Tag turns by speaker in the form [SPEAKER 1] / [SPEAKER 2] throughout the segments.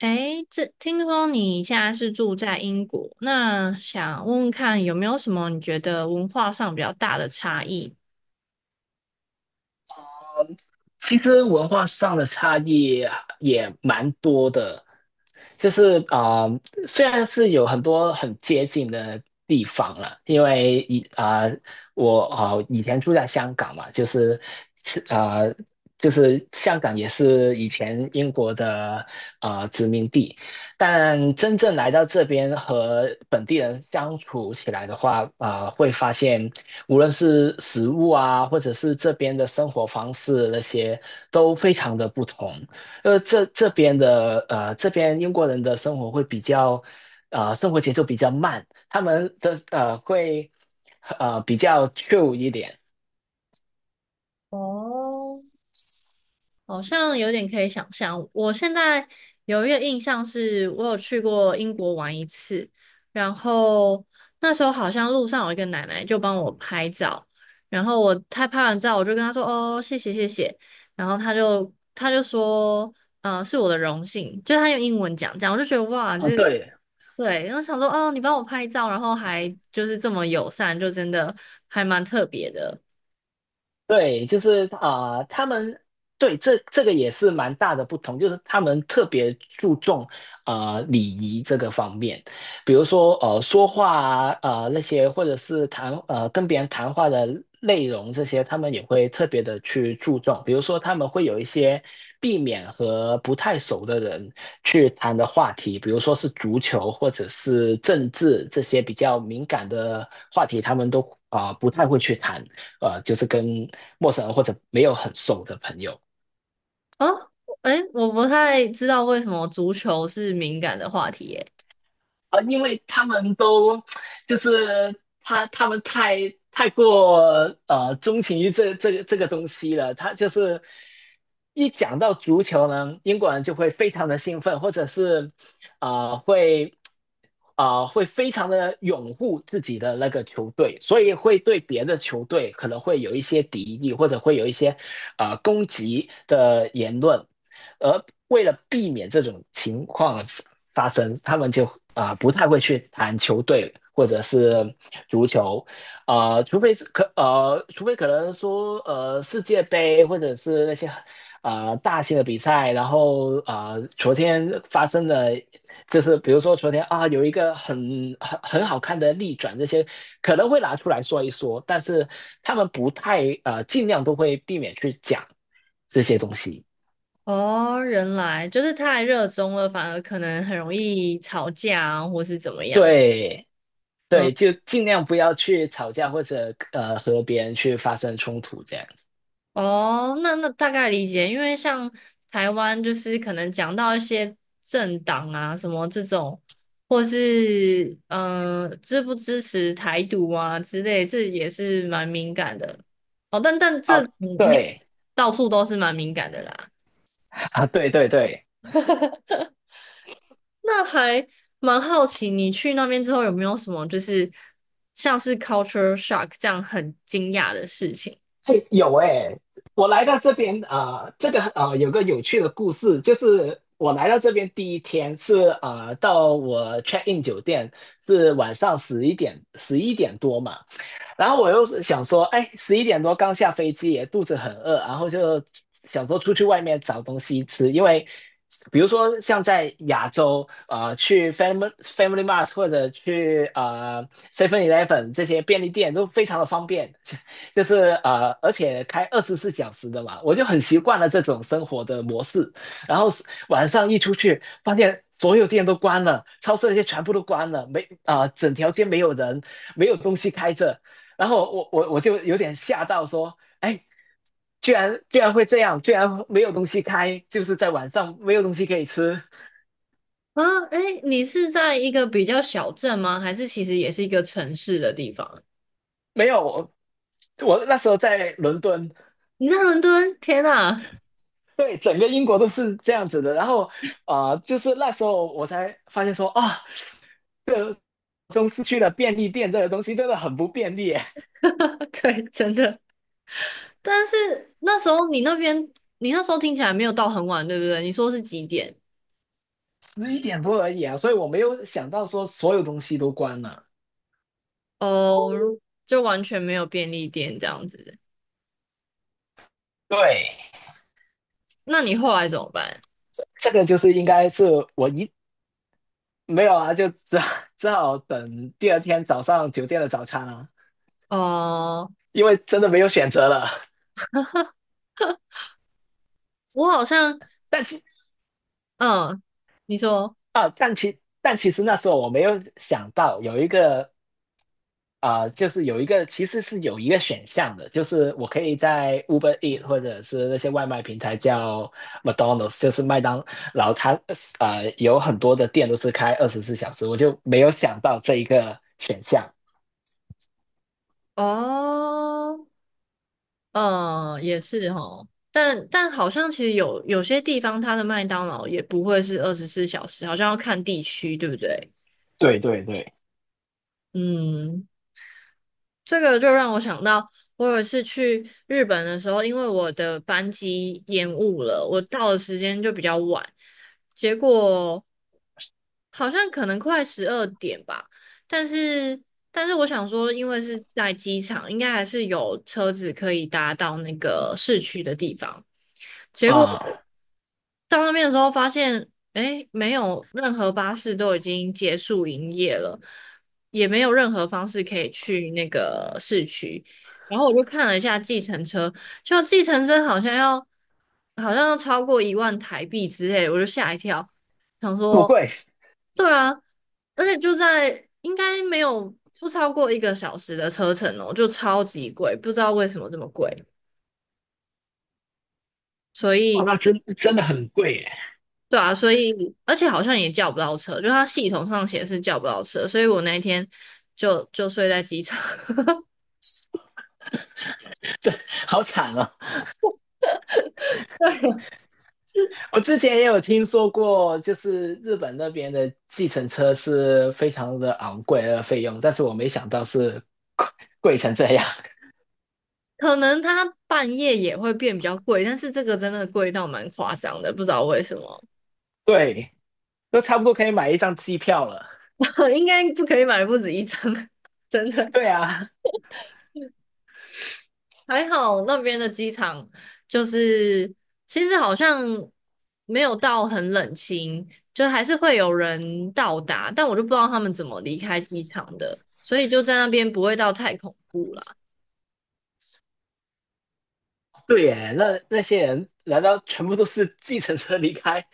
[SPEAKER 1] 诶，这听说你现在是住在英国，那想问问看有没有什么你觉得文化上比较大的差异？
[SPEAKER 2] 其实文化上的差异也蛮多的，就是啊、呃虽然是有很多很接近的地方了，因为我以前住在香港嘛，啊、呃就是香港也是以前英国的殖民地，但真正来到这边和本地人相处起来的话，会发现无论是食物啊，或者是这边的生活方式那些，都非常的不同。这边英国人的生活会比较，生活节奏比较慢，他们的呃会呃比较 c h i l 一点。
[SPEAKER 1] 哦，好像有点可以想象。我现在有一个印象是，我有去过英国玩一次，然后那时候好像路上有一个奶奶就帮我拍照，然后她拍完照，我就跟她说："哦，谢谢谢谢。"然后她就说："嗯、是我的荣幸。"就她用英文讲这样，我就觉得哇，
[SPEAKER 2] 啊，
[SPEAKER 1] 这
[SPEAKER 2] 对。
[SPEAKER 1] 对，然后想说："哦，你帮我拍照，然后还就是这么友善，就真的还蛮特别的。"
[SPEAKER 2] 对，他们对这个也是蛮大的不同，就是他们特别注重礼仪这个方面。比如说说话那些，或者是跟别人谈话的内容这些，他们也会特别的去注重。比如说他们会有一些避免和不太熟的人去谈的话题，比如说是足球或者是政治这些比较敏感的话题，他们都不太会去谈。就是跟陌生人或者没有很熟的朋友
[SPEAKER 1] 啊，哎，我不太知道为什么足球是敏感的话题耶。
[SPEAKER 2] 啊，因为他们都就是他们太过钟情于这个东西了。他就是一讲到足球呢，英国人就会非常的兴奋，或者是啊、呃会会非常的拥护自己的那个球队，所以会对别的球队可能会有一些敌意，或者会有一些攻击的言论。而为了避免这种情况发生，他们就不太会去谈球队或者是足球。除非可能说世界杯或者是那些大型的比赛，然后昨天发生的。就是比如说昨天啊，有一个很好看的逆转，这些可能会拿出来说一说，但是他们不太呃，尽量都会避免去讲这些东西。
[SPEAKER 1] 哦，原来就是太热衷了，反而可能很容易吵架啊，或是怎么样。
[SPEAKER 2] 对。
[SPEAKER 1] 嗯，
[SPEAKER 2] 对，就尽量不要去吵架或者和别人去发生冲突这样子
[SPEAKER 1] 哦，那大概理解，因为像台湾就是可能讲到一些政党啊什么这种，或是支不支持台独啊之类，这也是蛮敏感的。哦，但这
[SPEAKER 2] 啊。
[SPEAKER 1] 应该
[SPEAKER 2] 对
[SPEAKER 1] 到处都是蛮敏感的啦。
[SPEAKER 2] 啊。对对对。
[SPEAKER 1] 那还蛮好奇，你去那边之后有没有什么就是像是 culture shock 这样很惊讶的事情
[SPEAKER 2] 哎，有哎。我来到这边这个有个有趣的故事。就是我来到这边第一天是到我 check in 酒店是晚上11点多嘛。然后我又是想说，哎，十一点多刚下飞机，也肚子很饿，然后就想说出去外面找东西吃。因为比如说像在亚洲，去 Family Mart 或者去Seven Eleven 这些便利店都非常的方便，就是而且开二十四小时的嘛，我就很习惯了这种生活的模式。然后是晚上一出去，发现所有店都关了，超市那些全部都关了，没啊、呃整条街没有人，没有东西开着。然后我就有点吓到，说，哎，居然会这样，居然没有东西开，就是在晚上没有东西可以吃。
[SPEAKER 1] 啊？诶，你是在一个比较小镇吗？还是其实也是一个城市的地方？
[SPEAKER 2] 没有。我那时候在伦敦。
[SPEAKER 1] 你在伦敦？天呐，
[SPEAKER 2] 对，整个英国都是这样子的。然后，啊，就是那时候我才发现说啊，这个中市区的便利店这个东西真的很不便利耶。
[SPEAKER 1] 对，真的。但是那时候你那边，你那时候听起来没有到很晚，对不对？你说是几点？
[SPEAKER 2] 十一点多而已啊，所以我没有想到说所有东西都关了。
[SPEAKER 1] 哦，就完全没有便利店这样子。
[SPEAKER 2] 对。
[SPEAKER 1] 那你后来怎么办？
[SPEAKER 2] 这个就是应该是我一没有啊，就只好等第二天早上酒店的早餐啊，
[SPEAKER 1] 哦、
[SPEAKER 2] 因为真的没有选择了。
[SPEAKER 1] 我好像，
[SPEAKER 2] 但其
[SPEAKER 1] 嗯，你说。
[SPEAKER 2] 啊，但其实那时候我没有想到有一个其实是有一个选项的。就是我可以在 Uber Eat 或者是那些外卖平台叫 McDonald's，就是麦当劳。它有很多的店都是开二十四小时，我就没有想到这一个选项。
[SPEAKER 1] 哦，嗯，也是哦，但好像其实有些地方它的麦当劳也不会是24小时，好像要看地区，对不对？
[SPEAKER 2] 对对对。
[SPEAKER 1] 嗯，这个就让我想到，我有一次去日本的时候，因为我的班机延误了，我到的时间就比较晚，结果好像可能快12点吧，但是但是我想说，因为是在机场，应该还是有车子可以搭到那个市区的地方。结果
[SPEAKER 2] 啊、
[SPEAKER 1] 到那边的时候发现，哎，没有任何巴士都已经结束营业了，也没有任何方式可以去那个市区。然后我就看了一下计程车，就计程车好像要超过1万台币之类的，我就吓一跳，想
[SPEAKER 2] 这么
[SPEAKER 1] 说
[SPEAKER 2] 贵。
[SPEAKER 1] 对啊，而且就在应该没有不超过一个小时的车程哦，就超级贵，不知道为什么这么贵。所
[SPEAKER 2] 哇，
[SPEAKER 1] 以
[SPEAKER 2] 那真的很贵耶。
[SPEAKER 1] 对啊，所以而且好像也叫不到车，就它系统上显示叫不到车，所以我那一天就睡在机场。
[SPEAKER 2] 好惨哦！我之前也有听说过，就是日本那边的计程车是非常的昂贵的费用，但是我没想到是贵贵成这样。
[SPEAKER 1] 可能它半夜也会变比较贵，但是这个真的贵到蛮夸张的，不知道为什么，
[SPEAKER 2] 对，都差不多可以买一张机票了。
[SPEAKER 1] 应该不可以买不止一张，真的。
[SPEAKER 2] 对啊。
[SPEAKER 1] 还好那边的机场就是其实好像没有到很冷清，就还是会有人到达，但我就不知道他们怎么离开机场的，所以就在那边不会到太恐怖啦。
[SPEAKER 2] 对耶，那那些人难道全部都是计程车离开？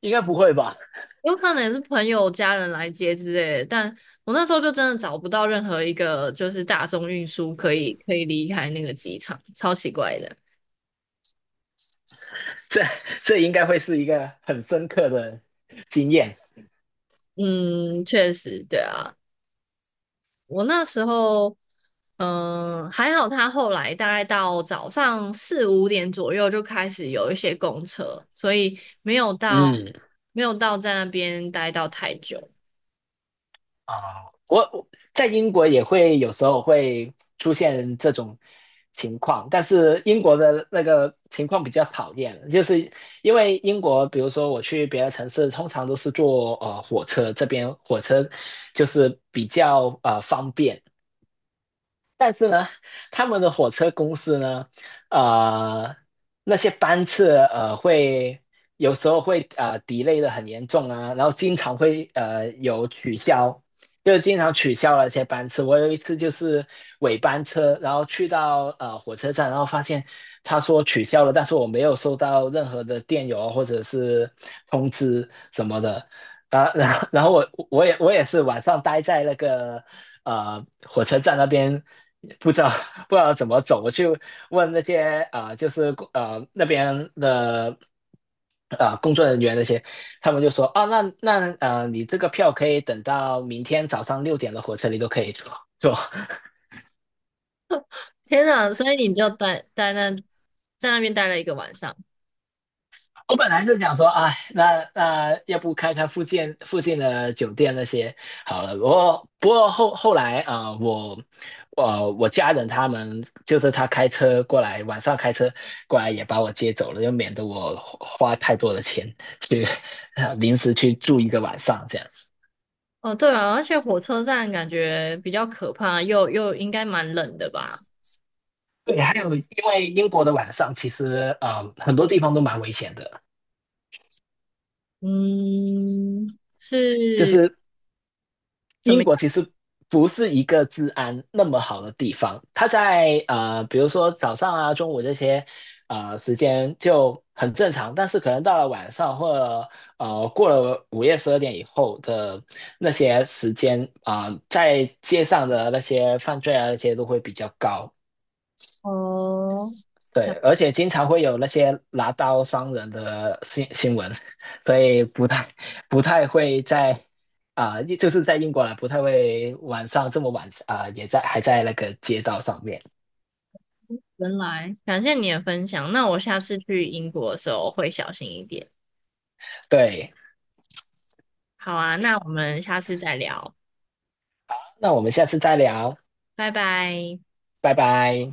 [SPEAKER 2] 应该不会吧？
[SPEAKER 1] 有可能也是朋友、家人来接之类的，但我那时候就真的找不到任何一个就是大众运输可以离开那个机场，超奇怪的。
[SPEAKER 2] 这这应该会是一个很深刻的经验。
[SPEAKER 1] 嗯，确实，对啊，我那时候，还好他后来大概到早上4、5点左右就开始有一些公车，所以没有到
[SPEAKER 2] 嗯。
[SPEAKER 1] 没有到在那边待到太久。
[SPEAKER 2] 啊，我在英国也会有时候会出现这种情况。但是英国的那个情况比较讨厌，就是因为英国，比如说我去别的城市，通常都是坐火车，这边火车就是比较方便。但是呢，他们的火车公司呢，呃，那些班次会有时候会delay 的很严重啊，然后经常会有取消，就是经常取消了一些班次。我有一次就是尾班车，然后去到火车站，然后发现他说取消了，但是我没有收到任何的电邮啊或者是通知什么的。啊，然后我也是晚上待在那个火车站那边不知道不知道怎么走。我去问那些那边的工作人员那些，他们就说啊那你这个票可以等到明天早上6点的火车你都可以坐。
[SPEAKER 1] 天哪，所以你就待待那在那边待了一个晚上。
[SPEAKER 2] 我本来是想说，哎，那要不开附近的酒店那些好了。不过后来我我家人他们就是他开车过来，晚上开车过来也把我接走了，就免得我花太多的钱去 临时去住一个晚上这样。
[SPEAKER 1] 哦，对啊，而且火车站感觉比较可怕，又应该蛮冷的吧？
[SPEAKER 2] 对，还有因为英国的晚上其实很多地方都蛮危险的。
[SPEAKER 1] 嗯，
[SPEAKER 2] 就
[SPEAKER 1] 是
[SPEAKER 2] 是
[SPEAKER 1] 怎么
[SPEAKER 2] 英
[SPEAKER 1] 样？
[SPEAKER 2] 国其实不是一个治安那么好的地方。它在比如说早上啊、中午这些时间就很正常，但是可能到了晚上或者过了午夜12点以后的那些时间在街上的那些犯罪啊那些都会比较高。
[SPEAKER 1] 哦，
[SPEAKER 2] 对，
[SPEAKER 1] 呀
[SPEAKER 2] 而且经常会有那些拿刀伤人的新闻，所以不太会在就是在英国啦，不太会晚上这么晚也在还在那个街道上面。
[SPEAKER 1] 原来，感谢你的分享。那我下次去英国的时候会小心一点。
[SPEAKER 2] 对，
[SPEAKER 1] 好啊，那我们下次再聊，
[SPEAKER 2] 那我们下次再聊。
[SPEAKER 1] 拜拜。
[SPEAKER 2] 拜拜。